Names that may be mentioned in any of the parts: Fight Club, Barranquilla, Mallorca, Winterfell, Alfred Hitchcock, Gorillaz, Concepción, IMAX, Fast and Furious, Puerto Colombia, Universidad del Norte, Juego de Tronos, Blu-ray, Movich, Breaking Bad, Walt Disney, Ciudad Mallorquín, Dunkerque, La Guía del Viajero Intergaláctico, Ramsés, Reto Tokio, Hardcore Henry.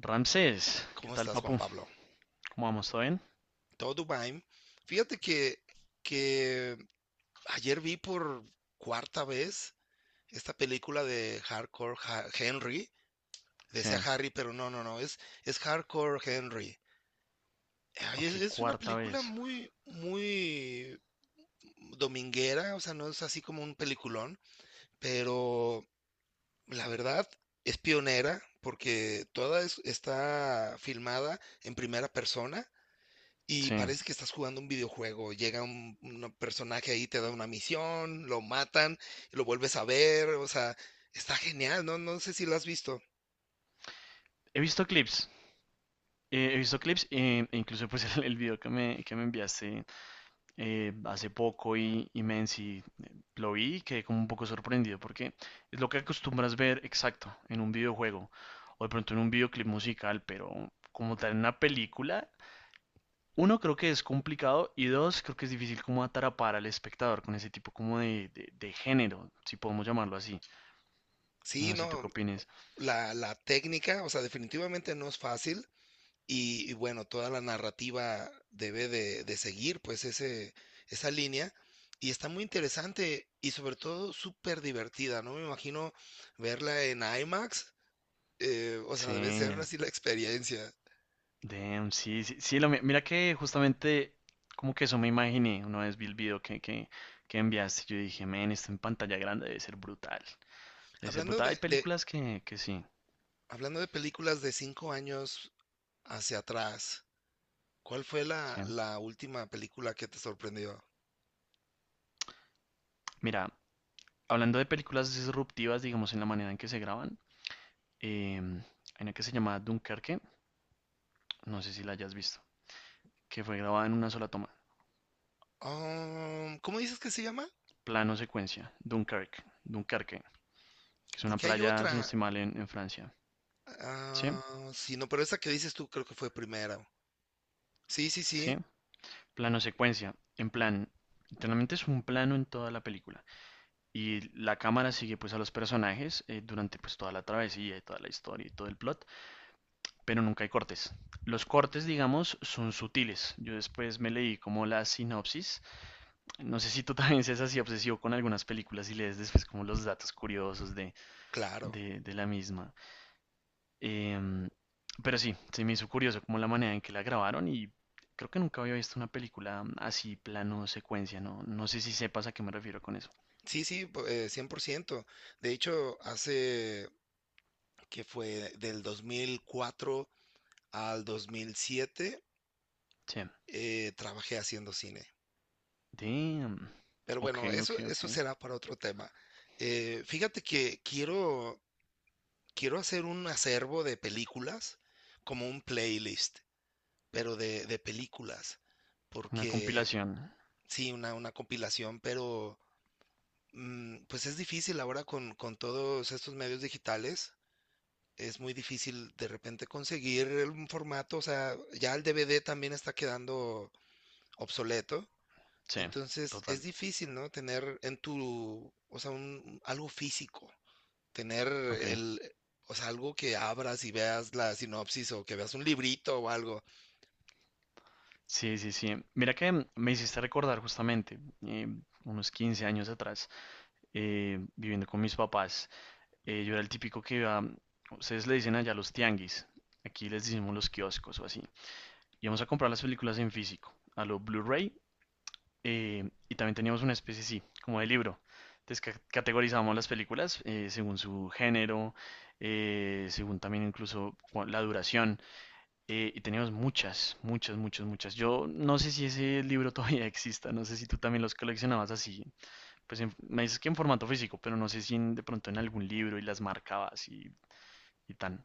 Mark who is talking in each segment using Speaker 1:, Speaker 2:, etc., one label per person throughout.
Speaker 1: Ramsés, ¿qué
Speaker 2: ¿Cómo
Speaker 1: tal,
Speaker 2: estás, Juan
Speaker 1: papu?
Speaker 2: Pablo?
Speaker 1: ¿Cómo vamos? ¿Todo bien?
Speaker 2: Todo bien. Fíjate que ayer vi por cuarta vez esta película de Hardcore Henry.
Speaker 1: Sí.
Speaker 2: Decía Harry, pero no, no, no, es Hardcore Henry. Ay, es,
Speaker 1: Ok,
Speaker 2: es una
Speaker 1: cuarta
Speaker 2: película
Speaker 1: vez.
Speaker 2: muy, muy dominguera. O sea, no es así como un peliculón, pero la verdad es pionera porque está filmada en primera persona. Y
Speaker 1: Sí.
Speaker 2: parece que estás jugando un videojuego. Llega un personaje ahí, te da una misión, lo matan, y lo vuelves a ver. O sea, está genial, ¿no? No sé si lo has visto.
Speaker 1: He visto clips. He visto clips e incluso pues el video que que me enviaste hace poco y Menzi lo vi y quedé como un poco sorprendido porque es lo que acostumbras ver exacto en un videojuego o de pronto en un videoclip musical, pero como tal en una película, uno creo que es complicado y dos creo que es difícil como atrapar al espectador con ese tipo como de género, si podemos llamarlo así.
Speaker 2: Sí,
Speaker 1: No sé tú
Speaker 2: no,
Speaker 1: qué opines.
Speaker 2: la técnica, o sea, definitivamente no es fácil. Y bueno, toda la narrativa debe de seguir, pues, ese, esa línea. Y está muy interesante y sobre todo súper divertida, ¿no? Me imagino verla en IMAX. O sea,
Speaker 1: Sí,
Speaker 2: debe ser así la experiencia.
Speaker 1: damn, sí, sí, sí, mira que justamente como que eso me imaginé una vez vi el video que enviaste. Yo dije, men, esto en pantalla grande debe ser brutal. Debe ser
Speaker 2: Hablando
Speaker 1: brutal. Hay
Speaker 2: de, de,
Speaker 1: películas que sí,
Speaker 2: Hablando de películas de 5 años hacia atrás, ¿cuál fue
Speaker 1: sí.
Speaker 2: la última película que te sorprendió?
Speaker 1: Mira, hablando de películas disruptivas, digamos, en la manera en que se graban, em, hay una que se llama Dunkerque, no sé si la hayas visto, que fue grabada en una sola toma,
Speaker 2: ¿Cómo dices que se llama?
Speaker 1: plano secuencia, Dunkerque, que es una
Speaker 2: Porque hay
Speaker 1: playa, si no
Speaker 2: otra.
Speaker 1: estoy mal, en Francia. Sí,
Speaker 2: Sí, no, pero esa que dices tú creo que fue primero. Sí, sí, sí,
Speaker 1: sí. Plano secuencia, en plan, literalmente es un plano en toda la película y la cámara sigue pues a los personajes durante pues toda la travesía y toda la historia y todo el plot, pero nunca hay cortes. Los cortes, digamos, son sutiles. Yo después me leí como la sinopsis. No sé si tú también seas así obsesivo con algunas películas y lees después como los datos curiosos
Speaker 2: claro.
Speaker 1: de la misma. Em, pero sí, se me hizo curioso como la manera en que la grabaron y creo que nunca había visto una película así, plano, secuencia, ¿no? No sé si sepas a qué me refiero con eso.
Speaker 2: Sí, sí, 100%. De hecho, hace que fue del 2004 al 2007,
Speaker 1: Sí.
Speaker 2: trabajé haciendo cine.
Speaker 1: Damn.
Speaker 2: Pero
Speaker 1: Ok,
Speaker 2: bueno,
Speaker 1: ok,
Speaker 2: eso
Speaker 1: ok.
Speaker 2: será para otro tema. Fíjate que quiero hacer un acervo de películas, como un playlist, pero de películas,
Speaker 1: Una
Speaker 2: porque
Speaker 1: compilación.
Speaker 2: sí, una compilación, pero pues es difícil ahora con todos estos medios digitales. Es muy difícil de repente conseguir un formato. O sea, ya el DVD también está quedando obsoleto,
Speaker 1: Sí,
Speaker 2: entonces es
Speaker 1: total.
Speaker 2: difícil, ¿no? Tener en tu, o sea, un, algo físico. Tener
Speaker 1: Ok.
Speaker 2: o sea, algo que abras y veas la sinopsis o que veas un librito o algo.
Speaker 1: Sí, sí, sí. Mira que me hiciste recordar justamente, eh, unos 15 años atrás, viviendo con mis papás, yo era el típico que iba, ustedes le dicen allá los tianguis, aquí les decimos los kioscos o así. Íbamos a comprar las películas en físico, a lo Blu-ray, y también teníamos una especie, sí, como de libro. Entonces categorizábamos las películas según su género, según también incluso la duración, y teníamos muchas, muchas, muchas, muchas. Yo no sé si ese libro todavía exista, no sé si tú también los coleccionabas así, pues me dices que en formato físico, pero no sé si de pronto en algún libro y las marcabas y tan.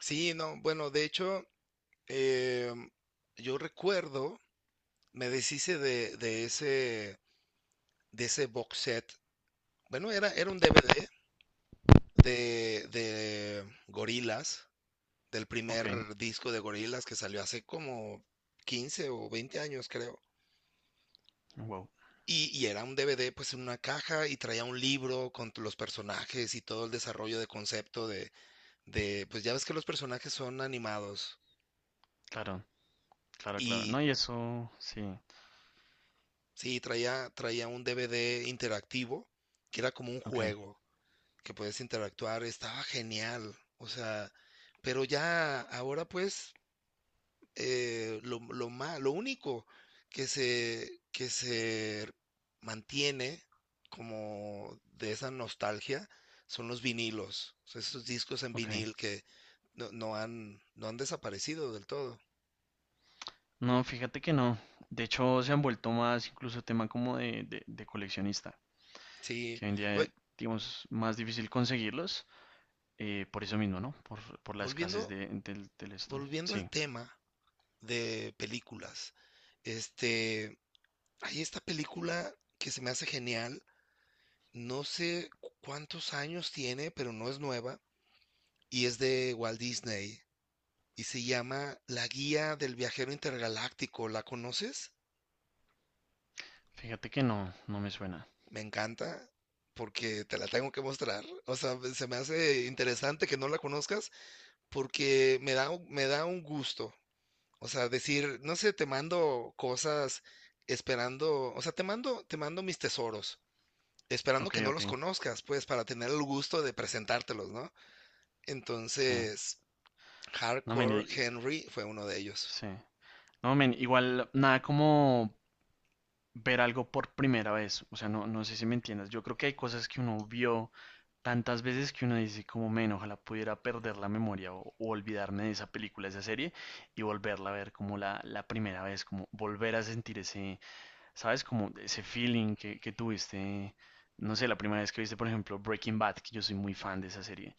Speaker 2: Sí, no, bueno, de hecho, eh, yo recuerdo, me deshice de ese box set. Bueno, era un DVD de Gorillaz, del
Speaker 1: Ok,
Speaker 2: primer disco de Gorillaz que salió hace como 15 o 20 años, creo.
Speaker 1: wow,
Speaker 2: Y era un DVD pues en una caja y traía un libro con los personajes y todo el desarrollo de concepto. Pues ya ves que los personajes son animados
Speaker 1: claro, claro, claro.
Speaker 2: y
Speaker 1: No, y eso, sí,
Speaker 2: sí, traía un DVD interactivo que era como un
Speaker 1: ok,
Speaker 2: juego que puedes interactuar. Estaba genial, o sea, pero ya ahora pues lo único que se mantiene como de esa nostalgia son los vinilos. O sea, esos discos en
Speaker 1: ok.
Speaker 2: vinil que no han desaparecido del todo.
Speaker 1: No, fíjate que no. De hecho, se han vuelto más incluso tema como de coleccionista,
Speaker 2: Sí,
Speaker 1: que hoy en día,
Speaker 2: a
Speaker 1: digamos, más difícil conseguirlos, por eso mismo, ¿no? Por la escasez
Speaker 2: Volviendo,
Speaker 1: del esto.
Speaker 2: volviendo al
Speaker 1: Sí,
Speaker 2: tema de películas, este, hay esta película que se me hace genial, no sé cuántos años tiene, pero no es nueva, y es de Walt Disney, y se llama La Guía del Viajero Intergaláctico. ¿La conoces?
Speaker 1: fíjate que no, no me suena.
Speaker 2: Me encanta, porque te la tengo que mostrar. O sea, se me hace interesante que no la conozcas, porque me me da un gusto. O sea, decir, no sé, te mando cosas esperando, o sea, te mando mis tesoros, esperando
Speaker 1: Ok,
Speaker 2: que no
Speaker 1: ok,
Speaker 2: los conozcas, pues, para tener el gusto de presentártelos, ¿no?
Speaker 1: sí.
Speaker 2: Entonces,
Speaker 1: No,
Speaker 2: Hardcore Henry fue uno de ellos.
Speaker 1: sí. No, men, igual, nada como ver algo por primera vez. O sea, no, no sé si me entiendas. Yo creo que hay cosas que uno vio tantas veces que uno dice como men, ojalá pudiera perder la memoria o olvidarme de esa película, de esa serie y volverla a ver como la primera vez, como volver a sentir ese, ¿sabes? Como ese feeling que tuviste, no sé, la primera vez que viste, por ejemplo, Breaking Bad, que yo soy muy fan de esa serie.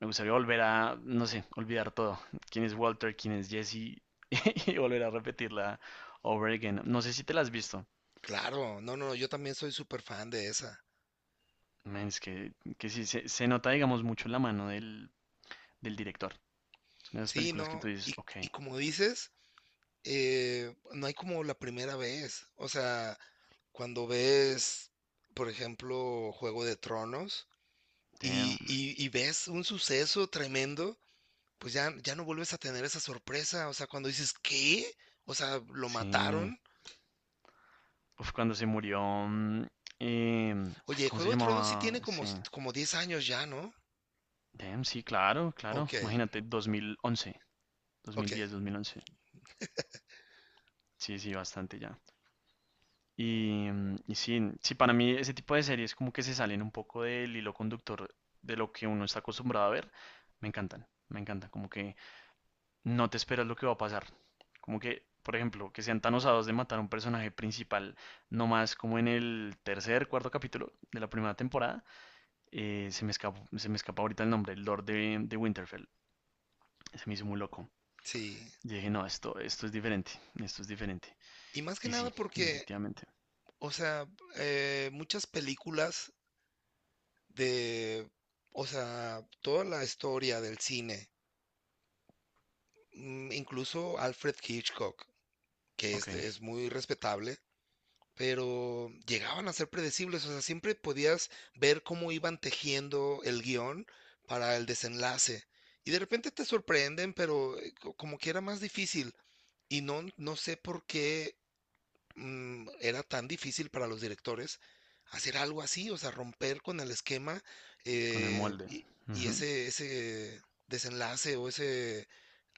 Speaker 1: Me gustaría volver a, no sé, olvidar todo. ¿Quién es Walter? ¿Quién es Jesse? Y volver a repetirla over again. No sé si te la has visto.
Speaker 2: Claro, no, no, yo también soy súper fan de esa.
Speaker 1: Man, que sí, se nota, digamos, mucho la mano del director. Son esas
Speaker 2: Sí,
Speaker 1: películas que
Speaker 2: no,
Speaker 1: tú dices, ok,
Speaker 2: y como dices, no hay como la primera vez. O sea, cuando ves, por ejemplo, Juego de Tronos y,
Speaker 1: damn,
Speaker 2: y ves un suceso tremendo, pues ya, ya no vuelves a tener esa sorpresa. O sea, cuando dices, ¿qué? O sea, lo
Speaker 1: sí.
Speaker 2: mataron.
Speaker 1: Uf, cuando se murió, mm, ay,
Speaker 2: Oye,
Speaker 1: ¿cómo se
Speaker 2: Juego de Tronos sí
Speaker 1: llamaba?
Speaker 2: tiene como,
Speaker 1: Sí.
Speaker 2: como 10 años ya, ¿no?
Speaker 1: Damn, sí, claro, claro.
Speaker 2: Ok,
Speaker 1: Imagínate, 2011,
Speaker 2: ok,
Speaker 1: 2010, 2011. Sí, sí, bastante ya. Y sí, sí, para mí ese tipo de series como que se salen un poco del hilo conductor de lo que uno está acostumbrado a ver. Me encantan, me encantan. Como que no te esperas lo que va a pasar. Como que, por ejemplo, que sean tan osados de matar a un personaje principal, no más como en el tercer, cuarto capítulo de la primera temporada. Se me escapa ahorita el nombre, el Lord de Winterfell. Se me hizo muy loco.
Speaker 2: sí.
Speaker 1: Y dije, no, esto es diferente, esto es diferente.
Speaker 2: Y más que
Speaker 1: Y
Speaker 2: nada
Speaker 1: sí,
Speaker 2: porque,
Speaker 1: efectivamente.
Speaker 2: o sea, muchas películas de, o sea, toda la historia del cine, incluso Alfred Hitchcock, que
Speaker 1: Ok,
Speaker 2: es muy respetable, pero llegaban a ser predecibles. O sea, siempre podías ver cómo iban tejiendo el guión para el desenlace. Y de repente te sorprenden, pero como que era más difícil. Y no, no sé por qué era tan difícil para los directores hacer algo así. O sea, romper con el esquema
Speaker 1: con el
Speaker 2: eh,
Speaker 1: molde.
Speaker 2: y, y
Speaker 1: Ujú,
Speaker 2: ese desenlace o ese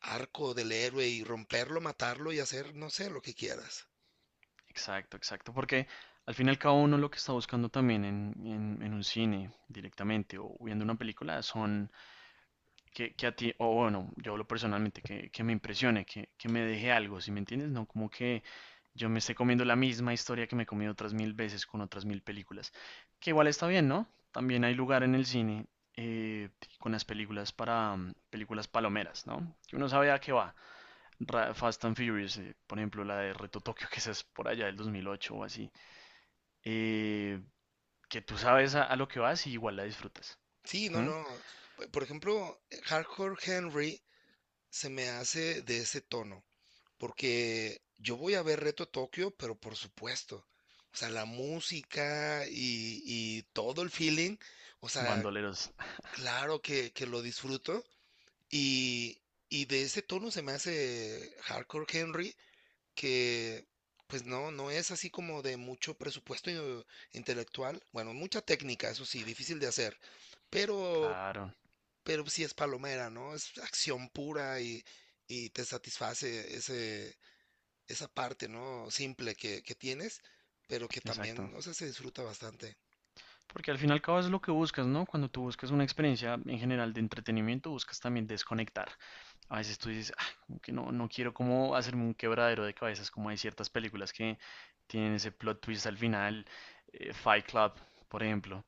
Speaker 2: arco del héroe y romperlo, matarlo y hacer, no sé, lo que quieras.
Speaker 1: exacto, exacto. Porque al fin y al cabo uno lo que está buscando también en un cine directamente o viendo una película son que a ti, o bueno, yo hablo personalmente, que me impresione, que me deje algo, ¿sí me entiendes? No como que yo me esté comiendo la misma historia que me he comido otras mil veces con otras mil películas, que igual está bien, ¿no? También hay lugar en el cine eh, con las películas para películas palomeras, ¿no? Que uno sabe a qué va. Fast and Furious, por ejemplo, la de Reto Tokio, que esa es por allá del 2008 o así, eh, que tú sabes a lo que vas y igual la disfrutas.
Speaker 2: Sí, no,
Speaker 1: ¿Mm?
Speaker 2: no. Por ejemplo, Hardcore Henry se me hace de ese tono, porque yo voy a ver Reto Tokio, pero por supuesto. O sea, la música y todo el feeling, o sea,
Speaker 1: Bandoleros,
Speaker 2: claro que lo disfruto. Y, y de ese tono se me hace Hardcore Henry, que pues no, no es así como de mucho presupuesto intelectual. Bueno, mucha técnica, eso sí, difícil de hacer, pero
Speaker 1: claro,
Speaker 2: pero sí es palomera, ¿no? Es acción pura y te satisface ese, esa parte, ¿no? Simple que tienes, pero que también,
Speaker 1: exacto.
Speaker 2: o sea, se disfruta bastante.
Speaker 1: Porque al fin y al cabo es lo que buscas, ¿no? Cuando tú buscas una experiencia en general de entretenimiento, buscas también desconectar. A veces tú dices, "Ah, como que no, no quiero como hacerme un quebradero de cabezas", como hay ciertas películas que tienen ese plot twist al final, Fight Club, por ejemplo,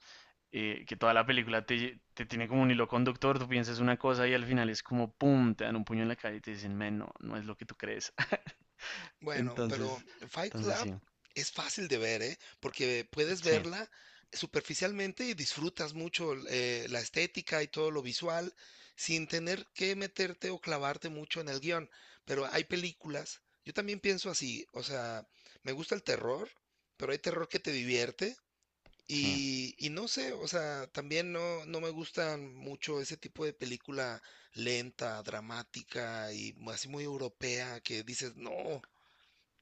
Speaker 1: que toda la película te tiene como un hilo conductor, tú piensas una cosa y al final es como, ¡pum!, te dan un puño en la cara y te dicen, men, no, no es lo que tú crees.
Speaker 2: Bueno, pero
Speaker 1: Entonces,
Speaker 2: Fight
Speaker 1: entonces
Speaker 2: Club
Speaker 1: sí,
Speaker 2: es fácil de ver, ¿eh? Porque puedes
Speaker 1: sí,
Speaker 2: verla superficialmente y disfrutas mucho la estética y todo lo visual sin tener que meterte o clavarte mucho en el guión. Pero hay películas, yo también pienso así. O sea, me gusta el terror, pero hay terror que te divierte.
Speaker 1: sí,
Speaker 2: Y no sé, o sea, también no, no me gustan mucho ese tipo de película lenta, dramática y así muy europea que dices, no,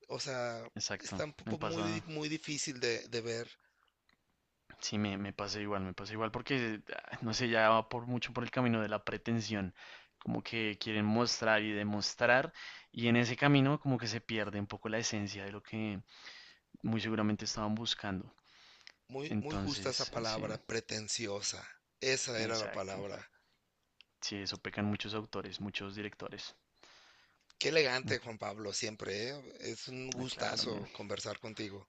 Speaker 2: o sea,
Speaker 1: exacto.
Speaker 2: está un
Speaker 1: Me
Speaker 2: poco
Speaker 1: pasa,
Speaker 2: muy difícil de ver.
Speaker 1: sí, me pasa igual, porque, ah, no sé, ya va por mucho por el camino de la pretensión, como que quieren mostrar y demostrar, y en ese camino como que se pierde un poco la esencia de lo que muy seguramente estaban buscando.
Speaker 2: Muy, muy justa esa
Speaker 1: Entonces, sí,
Speaker 2: palabra, pretenciosa, esa era la
Speaker 1: exacto.
Speaker 2: palabra.
Speaker 1: Sí, eso pecan muchos autores, muchos directores.
Speaker 2: Qué
Speaker 1: Mm.
Speaker 2: elegante, Juan Pablo, siempre, ¿eh? Es un
Speaker 1: Ah, claro, man.
Speaker 2: gustazo conversar contigo.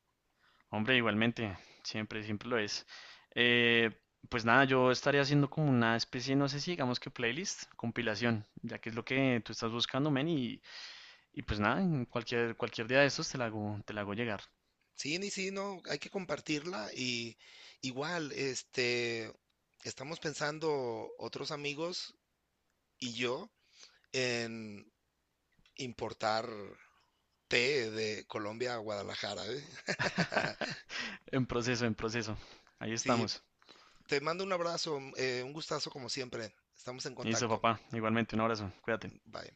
Speaker 1: Hombre, igualmente, siempre, siempre lo es. Eh, pues nada, yo estaría haciendo como una especie, no sé si digamos que playlist, compilación, ya que es lo que tú estás buscando, men, y pues nada, en cualquier, cualquier día de estos te la hago llegar.
Speaker 2: Sí, ni sí, no, hay que compartirla y igual, este, estamos pensando otros amigos y yo en importar té de Colombia a Guadalajara, ¿eh?
Speaker 1: En proceso, en proceso. Ahí
Speaker 2: Sí,
Speaker 1: estamos.
Speaker 2: te mando un abrazo, un gustazo como siempre. Estamos en
Speaker 1: Listo,
Speaker 2: contacto.
Speaker 1: papá. Igualmente, un abrazo. Cuídate.
Speaker 2: Bye.